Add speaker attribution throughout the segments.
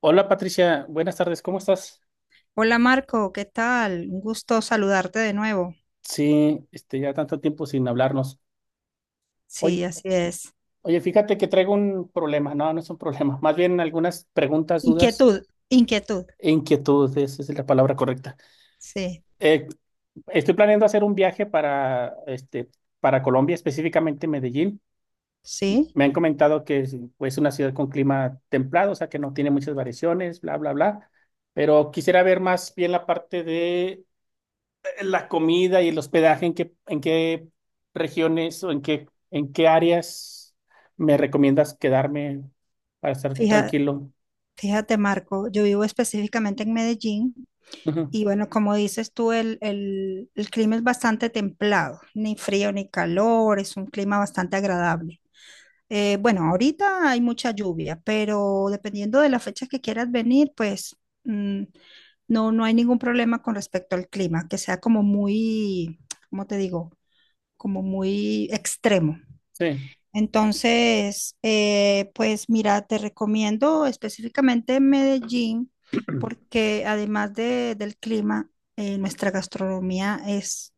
Speaker 1: Hola Patricia, buenas tardes, ¿cómo estás?
Speaker 2: Hola Marco, ¿qué tal? Un gusto saludarte de nuevo.
Speaker 1: Sí, ya tanto tiempo sin hablarnos. Oye,
Speaker 2: Sí, así es.
Speaker 1: oye, fíjate que traigo un problema, no, no es un problema, más bien algunas preguntas, dudas
Speaker 2: Inquietud, inquietud.
Speaker 1: e inquietudes, esa es la palabra correcta.
Speaker 2: Sí,
Speaker 1: Eh, estoy planeando hacer un viaje para Colombia, específicamente Medellín.
Speaker 2: sí.
Speaker 1: Me han comentado que es pues, una ciudad con clima templado, o sea que no tiene muchas variaciones, bla, bla, bla, pero quisiera ver más bien la parte de la comida y el hospedaje, ¿en qué regiones o en qué áreas me recomiendas quedarme para estar
Speaker 2: Fija-
Speaker 1: tranquilo?
Speaker 2: Fíjate Marco, yo vivo específicamente en Medellín
Speaker 1: Ujú.
Speaker 2: y bueno, como dices tú, el clima es bastante templado, ni frío ni calor, es un clima bastante agradable. Bueno, ahorita hay mucha lluvia, pero dependiendo de la fecha que quieras venir, pues mm, no hay ningún problema con respecto al clima, que sea como muy, ¿cómo te digo? Como muy extremo.
Speaker 1: Sí.
Speaker 2: Entonces, pues mira, te recomiendo específicamente Medellín, porque además del clima, nuestra gastronomía es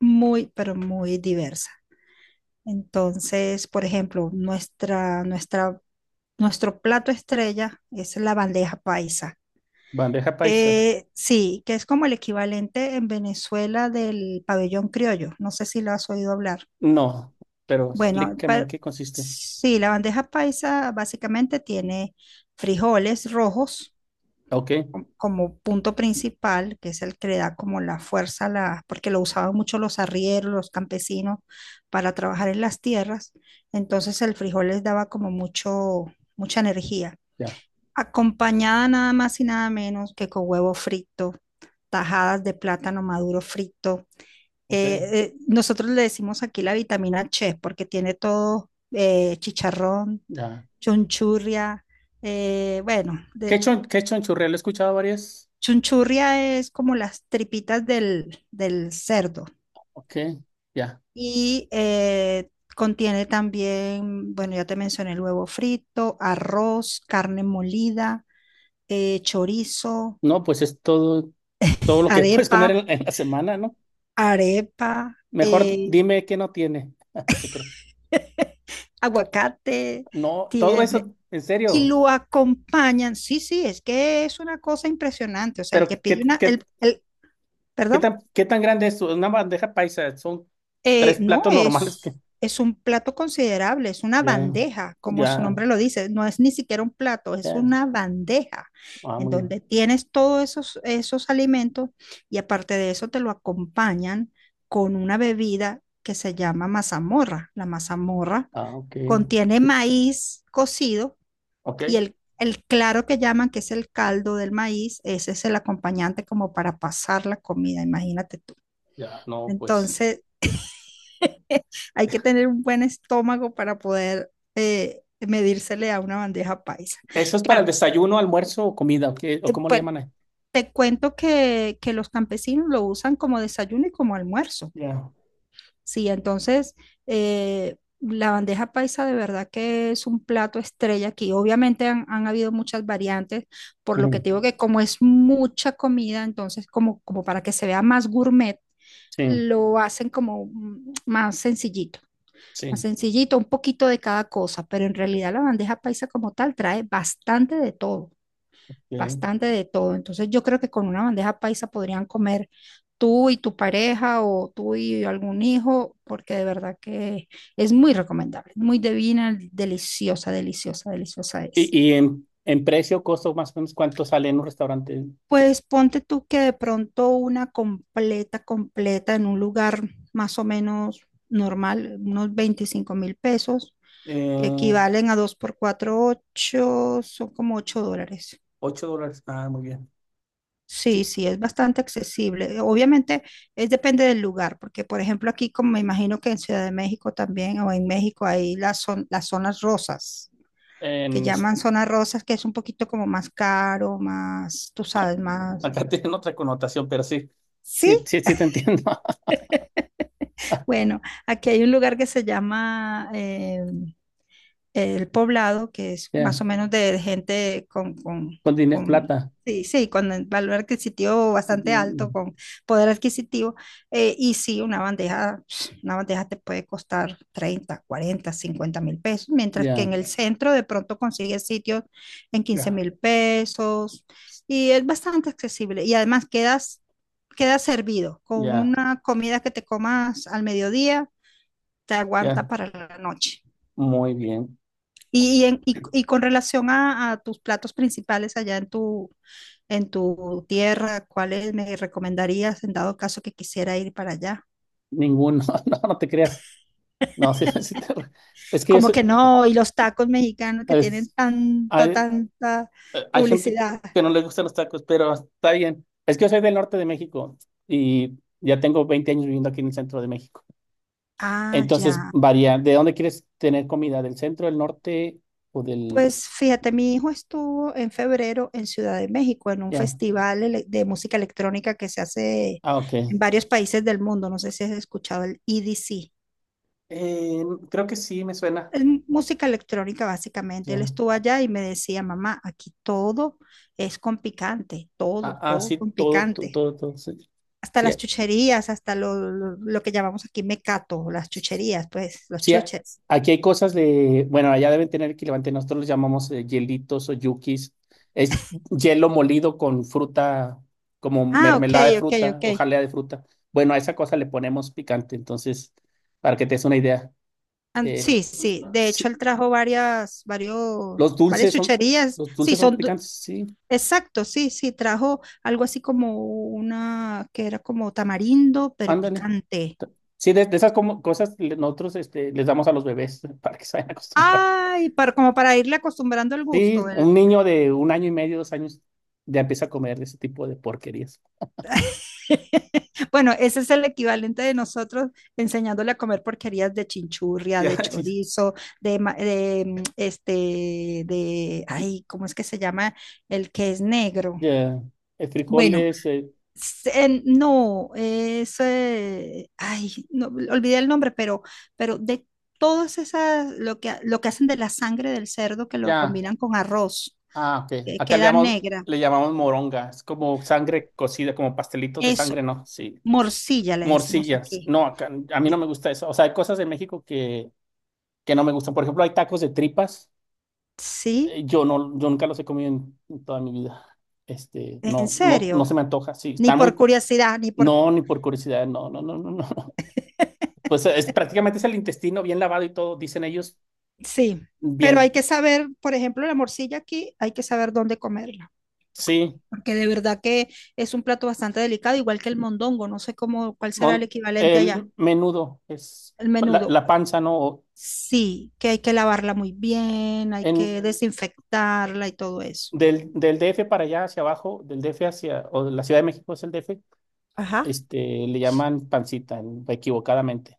Speaker 2: muy, pero muy diversa. Entonces, por ejemplo, nuestra, nuestra nuestro plato estrella es la bandeja paisa,
Speaker 1: Bandeja paisa.
Speaker 2: que sí, que es como el equivalente en Venezuela del pabellón criollo. No sé si lo has oído hablar.
Speaker 1: No, pero
Speaker 2: Bueno,
Speaker 1: explícame en qué consiste.
Speaker 2: sí, la bandeja paisa básicamente tiene frijoles rojos
Speaker 1: Ok,
Speaker 2: como punto principal, que es el que le da como la fuerza, a la, porque lo usaban mucho los arrieros, los campesinos, para trabajar en las tierras. Entonces el frijol les daba como mucho, mucha energía.
Speaker 1: ya,
Speaker 2: Acompañada nada más y nada menos que con huevo frito, tajadas de plátano maduro frito.
Speaker 1: ok,
Speaker 2: Nosotros le decimos aquí la vitamina Che porque tiene todo chicharrón,
Speaker 1: ya.
Speaker 2: chunchurria, bueno,
Speaker 1: Quechua, quechua en churrel, he escuchado varias.
Speaker 2: chunchurria es como las tripitas del cerdo
Speaker 1: Ok, ya.
Speaker 2: y contiene también, bueno, ya te mencioné el huevo frito, arroz, carne molida, chorizo,
Speaker 1: No, pues es todo, todo lo que puedes comer
Speaker 2: arepa.
Speaker 1: en la semana, ¿no?
Speaker 2: arepa,
Speaker 1: Mejor dime qué no tiene. Te creo.
Speaker 2: aguacate,
Speaker 1: No, todo
Speaker 2: tiene,
Speaker 1: eso, en
Speaker 2: y
Speaker 1: serio.
Speaker 2: lo acompañan. Sí, sí, es que es una cosa impresionante. O sea, el
Speaker 1: Pero
Speaker 2: que
Speaker 1: ¿qué, qué,
Speaker 2: pide una,
Speaker 1: qué- qué
Speaker 2: perdón,
Speaker 1: tan, qué tan grande es una bandeja paisa? Son tres
Speaker 2: No,
Speaker 1: platos normales que
Speaker 2: es un plato considerable, es una
Speaker 1: ya,
Speaker 2: bandeja, como su
Speaker 1: ya,
Speaker 2: nombre lo dice, no es ni siquiera un plato, es
Speaker 1: ya.
Speaker 2: una bandeja
Speaker 1: Ah,
Speaker 2: en
Speaker 1: muy bien.
Speaker 2: donde tienes todos esos alimentos y aparte de eso te lo acompañan con una bebida que se llama mazamorra. La mazamorra
Speaker 1: Ah, ok.
Speaker 2: contiene maíz cocido
Speaker 1: Ok,
Speaker 2: y el claro que llaman, que es el caldo del maíz, ese es el acompañante como para pasar la comida, imagínate tú.
Speaker 1: ya, no, pues.
Speaker 2: Entonces, hay que tener un buen estómago para poder medírsele a una bandeja paisa.
Speaker 1: ¿Eso es para el
Speaker 2: Claro,
Speaker 1: desayuno, almuerzo o comida? ¿O o cómo le
Speaker 2: pues
Speaker 1: llaman ahí?
Speaker 2: te cuento que los campesinos lo usan como desayuno y como almuerzo.
Speaker 1: Ya.
Speaker 2: Sí, entonces la bandeja paisa de verdad que es un plato estrella aquí. Obviamente han habido muchas variantes, por lo que
Speaker 1: Ujú.
Speaker 2: te digo que como es mucha comida, entonces como para que se vea más gourmet,
Speaker 1: Sí,
Speaker 2: lo hacen como más sencillito. Más
Speaker 1: sí.
Speaker 2: sencillito, un poquito de cada cosa, pero en realidad la bandeja paisa como tal trae bastante de todo,
Speaker 1: Ok.
Speaker 2: bastante de todo. Entonces yo creo que con una bandeja paisa podrían comer tú y tu pareja o tú y algún hijo, porque de verdad que es muy recomendable, muy divina, deliciosa, deliciosa, deliciosa es.
Speaker 1: ¿Y en precio, costo, más o menos, cuánto sale en un restaurante?
Speaker 2: Pues ponte tú que de pronto una completa, completa en un lugar más o menos normal, unos 25.000 pesos, que
Speaker 1: Eh,
Speaker 2: equivalen a 2 por 4 8 son como $8.
Speaker 1: $8. Ah, muy bien.
Speaker 2: Sí,
Speaker 1: Sí.
Speaker 2: sí, es bastante accesible. Obviamente es depende del lugar, porque por ejemplo aquí, como me imagino que en Ciudad de México también o en México hay las zonas rosas, que
Speaker 1: En, es-
Speaker 2: llaman zonas rosas, que es un poquito como más caro, más, tú sabes, más...
Speaker 1: acá tiene otra connotación, pero sí,
Speaker 2: Sí,
Speaker 1: sí, sí, sí te entiendo.
Speaker 2: bueno, aquí hay un lugar que se llama El Poblado, que es más o
Speaker 1: Ya.
Speaker 2: menos de gente con, con,
Speaker 1: Con tienes
Speaker 2: con
Speaker 1: plata.
Speaker 2: sí, sí, con el valor adquisitivo bastante
Speaker 1: Ya,
Speaker 2: alto, con poder adquisitivo. Y sí, una bandeja, una bandeja te puede costar 30, 40, 50.000 pesos, mientras que en
Speaker 1: ya,
Speaker 2: el centro de pronto consigues sitios en quince
Speaker 1: ya,
Speaker 2: mil pesos. Y es bastante accesible. Y además quedas servido con
Speaker 1: ya,
Speaker 2: una comida que te comas al mediodía te aguanta
Speaker 1: ya.
Speaker 2: para la noche.
Speaker 1: Muy bien.
Speaker 2: Y con relación a tus platos principales allá en tu tierra, ¿cuáles me recomendarías en dado caso que quisiera ir para allá?
Speaker 1: Ninguno. No, no te creas. No, sí, sí te- Es que yo
Speaker 2: Como
Speaker 1: soy-
Speaker 2: que no, y los tacos mexicanos que tienen
Speaker 1: es-
Speaker 2: tanta,
Speaker 1: hay,
Speaker 2: tanta
Speaker 1: hay gente
Speaker 2: publicidad.
Speaker 1: que no le gustan los tacos, pero está bien. Es que yo soy del norte de México y ya tengo 20 años viviendo aquí en el centro de México.
Speaker 2: Ah,
Speaker 1: Entonces,
Speaker 2: ya.
Speaker 1: varía. ¿De dónde quieres tener comida? ¿Del centro, del norte o del...?
Speaker 2: Pues fíjate, mi hijo estuvo en febrero en Ciudad de México en un
Speaker 1: Ya.
Speaker 2: festival de música electrónica que se hace
Speaker 1: Ah, ok.
Speaker 2: en varios países del mundo. No sé si has escuchado el EDC.
Speaker 1: Eh, creo que sí, me suena.
Speaker 2: Es música electrónica básicamente. Él estuvo allá y me decía, mamá, aquí todo es con picante,
Speaker 1: Ah,
Speaker 2: todo,
Speaker 1: ah,
Speaker 2: todo
Speaker 1: sí,
Speaker 2: con
Speaker 1: todo, todo,
Speaker 2: picante.
Speaker 1: todo, todo. Sí,
Speaker 2: Hasta
Speaker 1: sí,
Speaker 2: las chucherías, hasta lo que llamamos aquí mecato, las chucherías, pues, los
Speaker 1: sí,
Speaker 2: chuches.
Speaker 1: aquí hay cosas de, bueno, allá deben tener equivalente, nosotros los llamamos hielitos o yukis. Es hielo molido con fruta, como
Speaker 2: Ah, ok,
Speaker 1: mermelada de
Speaker 2: ok,
Speaker 1: fruta
Speaker 2: ok.
Speaker 1: o jalea de fruta. Bueno, a esa cosa le ponemos picante, entonces, para que te des una idea. Eh,
Speaker 2: Sí, sí. De hecho,
Speaker 1: sí,
Speaker 2: él trajo varias,
Speaker 1: los
Speaker 2: varios, varias
Speaker 1: dulces son,
Speaker 2: chucherías.
Speaker 1: los
Speaker 2: Sí,
Speaker 1: dulces son
Speaker 2: son,
Speaker 1: picantes, sí,
Speaker 2: exacto, sí, sí. Trajo algo así como una que era como tamarindo, pero
Speaker 1: ándale.
Speaker 2: picante.
Speaker 1: Sí, de esas como, nosotros les damos a los bebés para que se vayan acostumbrando.
Speaker 2: Ay, para, como para irle acostumbrando el
Speaker 1: Sí,
Speaker 2: gusto.
Speaker 1: un niño de un año y medio, 2 años, ya empieza a comer ese tipo de porquerías.
Speaker 2: Bueno, ese es el equivalente de nosotros enseñándole a comer porquerías de chinchurria, de
Speaker 1: Ya, chis.
Speaker 2: chorizo, de, de este, de, ay, ¿cómo es que se llama? El que es negro.
Speaker 1: Ya, el frijol
Speaker 2: Bueno,
Speaker 1: es,
Speaker 2: no, ay, no, olvidé el nombre, pero de todas esas, lo que hacen de la sangre del cerdo que lo
Speaker 1: ya,
Speaker 2: combinan con arroz,
Speaker 1: ah, ok.
Speaker 2: que
Speaker 1: Acá le
Speaker 2: queda
Speaker 1: llamamos,
Speaker 2: negra.
Speaker 1: le llamamos moronga, es como sangre cocida, como pastelitos de sangre,
Speaker 2: Eso,
Speaker 1: ¿no? Sí.
Speaker 2: morcilla le decimos
Speaker 1: Morcillas,
Speaker 2: aquí.
Speaker 1: no, acá, a mí no
Speaker 2: De-
Speaker 1: me gusta eso. O sea, hay cosas de México que no me gustan. Por ejemplo, hay tacos de tripas.
Speaker 2: Sí,
Speaker 1: Yo no, yo nunca los he comido en toda mi vida. Este,
Speaker 2: en
Speaker 1: no, no, no
Speaker 2: serio.
Speaker 1: se me antoja. Sí,
Speaker 2: Ni
Speaker 1: están
Speaker 2: por
Speaker 1: muy,
Speaker 2: curiosidad, ni por...
Speaker 1: no, ni por curiosidad, no, no, no, no, no. Pues prácticamente es el intestino bien lavado y todo, dicen ellos.
Speaker 2: Sí, pero hay
Speaker 1: Bien,
Speaker 2: que saber, por ejemplo, la morcilla aquí, hay que saber dónde comerla,
Speaker 1: sí.
Speaker 2: porque de verdad que es un plato bastante delicado, igual que el mondongo, no sé cómo, cuál será el
Speaker 1: mon-
Speaker 2: equivalente allá,
Speaker 1: el menudo es
Speaker 2: el
Speaker 1: la,
Speaker 2: menudo.
Speaker 1: la panza, ¿no? O
Speaker 2: Sí, que hay que lavarla muy bien, hay
Speaker 1: En,
Speaker 2: que desinfectarla y todo eso.
Speaker 1: del, del DF para allá hacia abajo, del DF hacia, o de la Ciudad de México es el DF,
Speaker 2: Ajá.
Speaker 1: este, le llaman pancita, equivocadamente.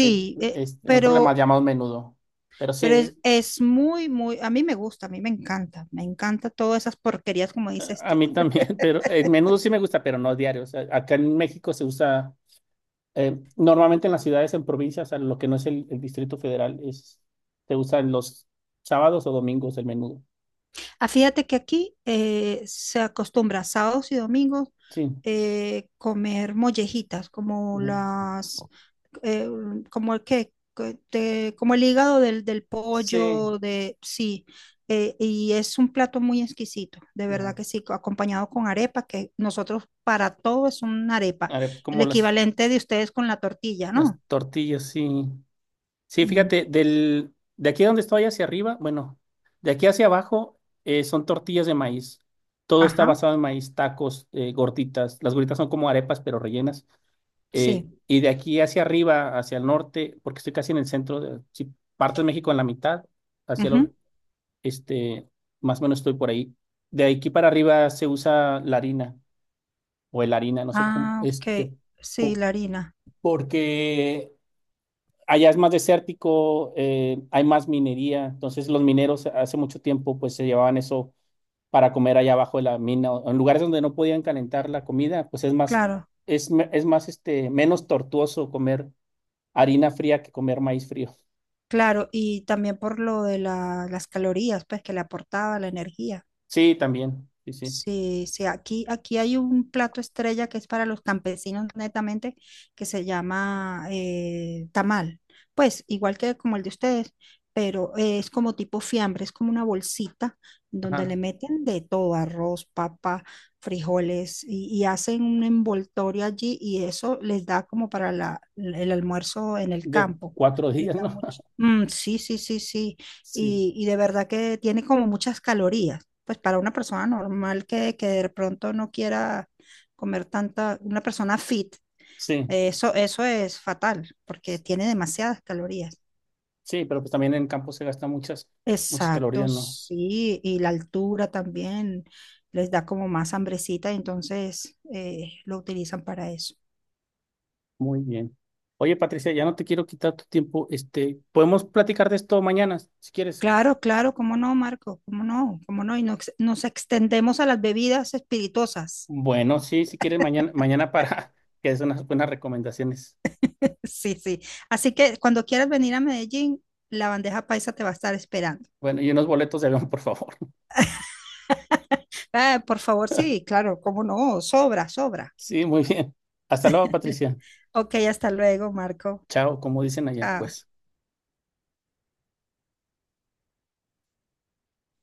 Speaker 1: Eh,
Speaker 2: eh,
Speaker 1: nosotros le más
Speaker 2: pero
Speaker 1: llamamos menudo. Pero
Speaker 2: Pero es,
Speaker 1: sí,
Speaker 2: es muy, muy, a mí me gusta, a mí me encanta todas esas porquerías como dices
Speaker 1: a
Speaker 2: tú.
Speaker 1: mí también, pero el menudo sí me gusta, pero no diario. O sea, acá en México se usa. Normalmente en las ciudades, en provincias, en lo que no es el Distrito Federal, se usan los sábados o domingos el menudo.
Speaker 2: Ah, fíjate que aquí se acostumbra sábados y domingos
Speaker 1: Sí,
Speaker 2: comer mollejitas, como
Speaker 1: ujú.
Speaker 2: las, eh, como el que, como el hígado del
Speaker 1: Sí,
Speaker 2: pollo, de, sí, y es un plato muy exquisito, de
Speaker 1: ya.
Speaker 2: verdad que sí, acompañado con arepa, que nosotros para todo es una arepa,
Speaker 1: A ver, pues,
Speaker 2: el
Speaker 1: como las,
Speaker 2: equivalente de ustedes con la tortilla,
Speaker 1: las
Speaker 2: ¿no?
Speaker 1: tortillas, sí. Sí, fíjate,
Speaker 2: Mm.
Speaker 1: de aquí donde estoy hacia arriba, bueno, de aquí hacia abajo son tortillas de maíz. Todo está
Speaker 2: Ajá.
Speaker 1: basado en maíz, tacos, gorditas. Las gorditas son como arepas, pero rellenas.
Speaker 2: Sí.
Speaker 1: Y de aquí hacia arriba, hacia el norte, porque estoy casi en el centro, si parto de México en la mitad, hacia el,
Speaker 2: Ujú.
Speaker 1: este, más o menos estoy por ahí. De aquí para arriba se usa la harina o el harina, no sé cómo,
Speaker 2: Ah, ok. Sí,
Speaker 1: po-
Speaker 2: la harina.
Speaker 1: porque allá es más desértico, hay más minería, entonces los mineros hace mucho tiempo pues se llevaban eso para comer allá abajo de la mina, o en lugares donde no podían calentar la comida, pues es más,
Speaker 2: Claro,
Speaker 1: es, me- es más, este, menos tortuoso comer harina fría que comer maíz frío.
Speaker 2: claro. Y también por lo de las calorías, pues que le aportaba la energía.
Speaker 1: Sí, también. Sí, sí.
Speaker 2: Sí, sí, aquí hay un plato estrella que es para los campesinos netamente, que se llama tamal. Pues igual que como el de ustedes, pero es como tipo fiambre, es como una bolsita donde le
Speaker 1: Ajá.
Speaker 2: meten de todo, arroz, papa, frijoles, y hacen un envoltorio allí y eso les da como para el almuerzo en el
Speaker 1: De
Speaker 2: campo.
Speaker 1: 4 días,
Speaker 2: Les da
Speaker 1: ¿no?
Speaker 2: mucho. Mm, sí, sí, sí, sí.
Speaker 1: Sí,
Speaker 2: Y de verdad que tiene como muchas calorías pues para una persona normal que de pronto no quiera comer tanta, una persona fit,
Speaker 1: sí.
Speaker 2: eso es fatal porque tiene demasiadas calorías.
Speaker 1: Sí, pero pues también en campo se gastan muchas, muchas
Speaker 2: Exacto,
Speaker 1: calorías, ¿no?
Speaker 2: sí, y la altura también les da como más hambrecita, entonces lo utilizan para eso.
Speaker 1: Muy bien. Oye, Patricia, ya no te quiero quitar tu tiempo. Podemos platicar de esto mañana, si quieres.
Speaker 2: Claro, claro, cómo no, Marco, cómo no, y nos extendemos a las bebidas espirituosas.
Speaker 1: Bueno, sí, si quieres, mañana para que des unas buenas recomendaciones.
Speaker 2: Sí, sí. Así que cuando quieras venir a Medellín, la bandeja paisa te va a estar esperando.
Speaker 1: Bueno, y unos boletos de avión, por favor.
Speaker 2: Ah, por favor, sí, claro, cómo no, sobra, sobra.
Speaker 1: Sí, muy bien. Hasta luego, Patricia.
Speaker 2: Ok, hasta luego, Marco.
Speaker 1: Chao, como dicen allá,
Speaker 2: Chao.
Speaker 1: pues.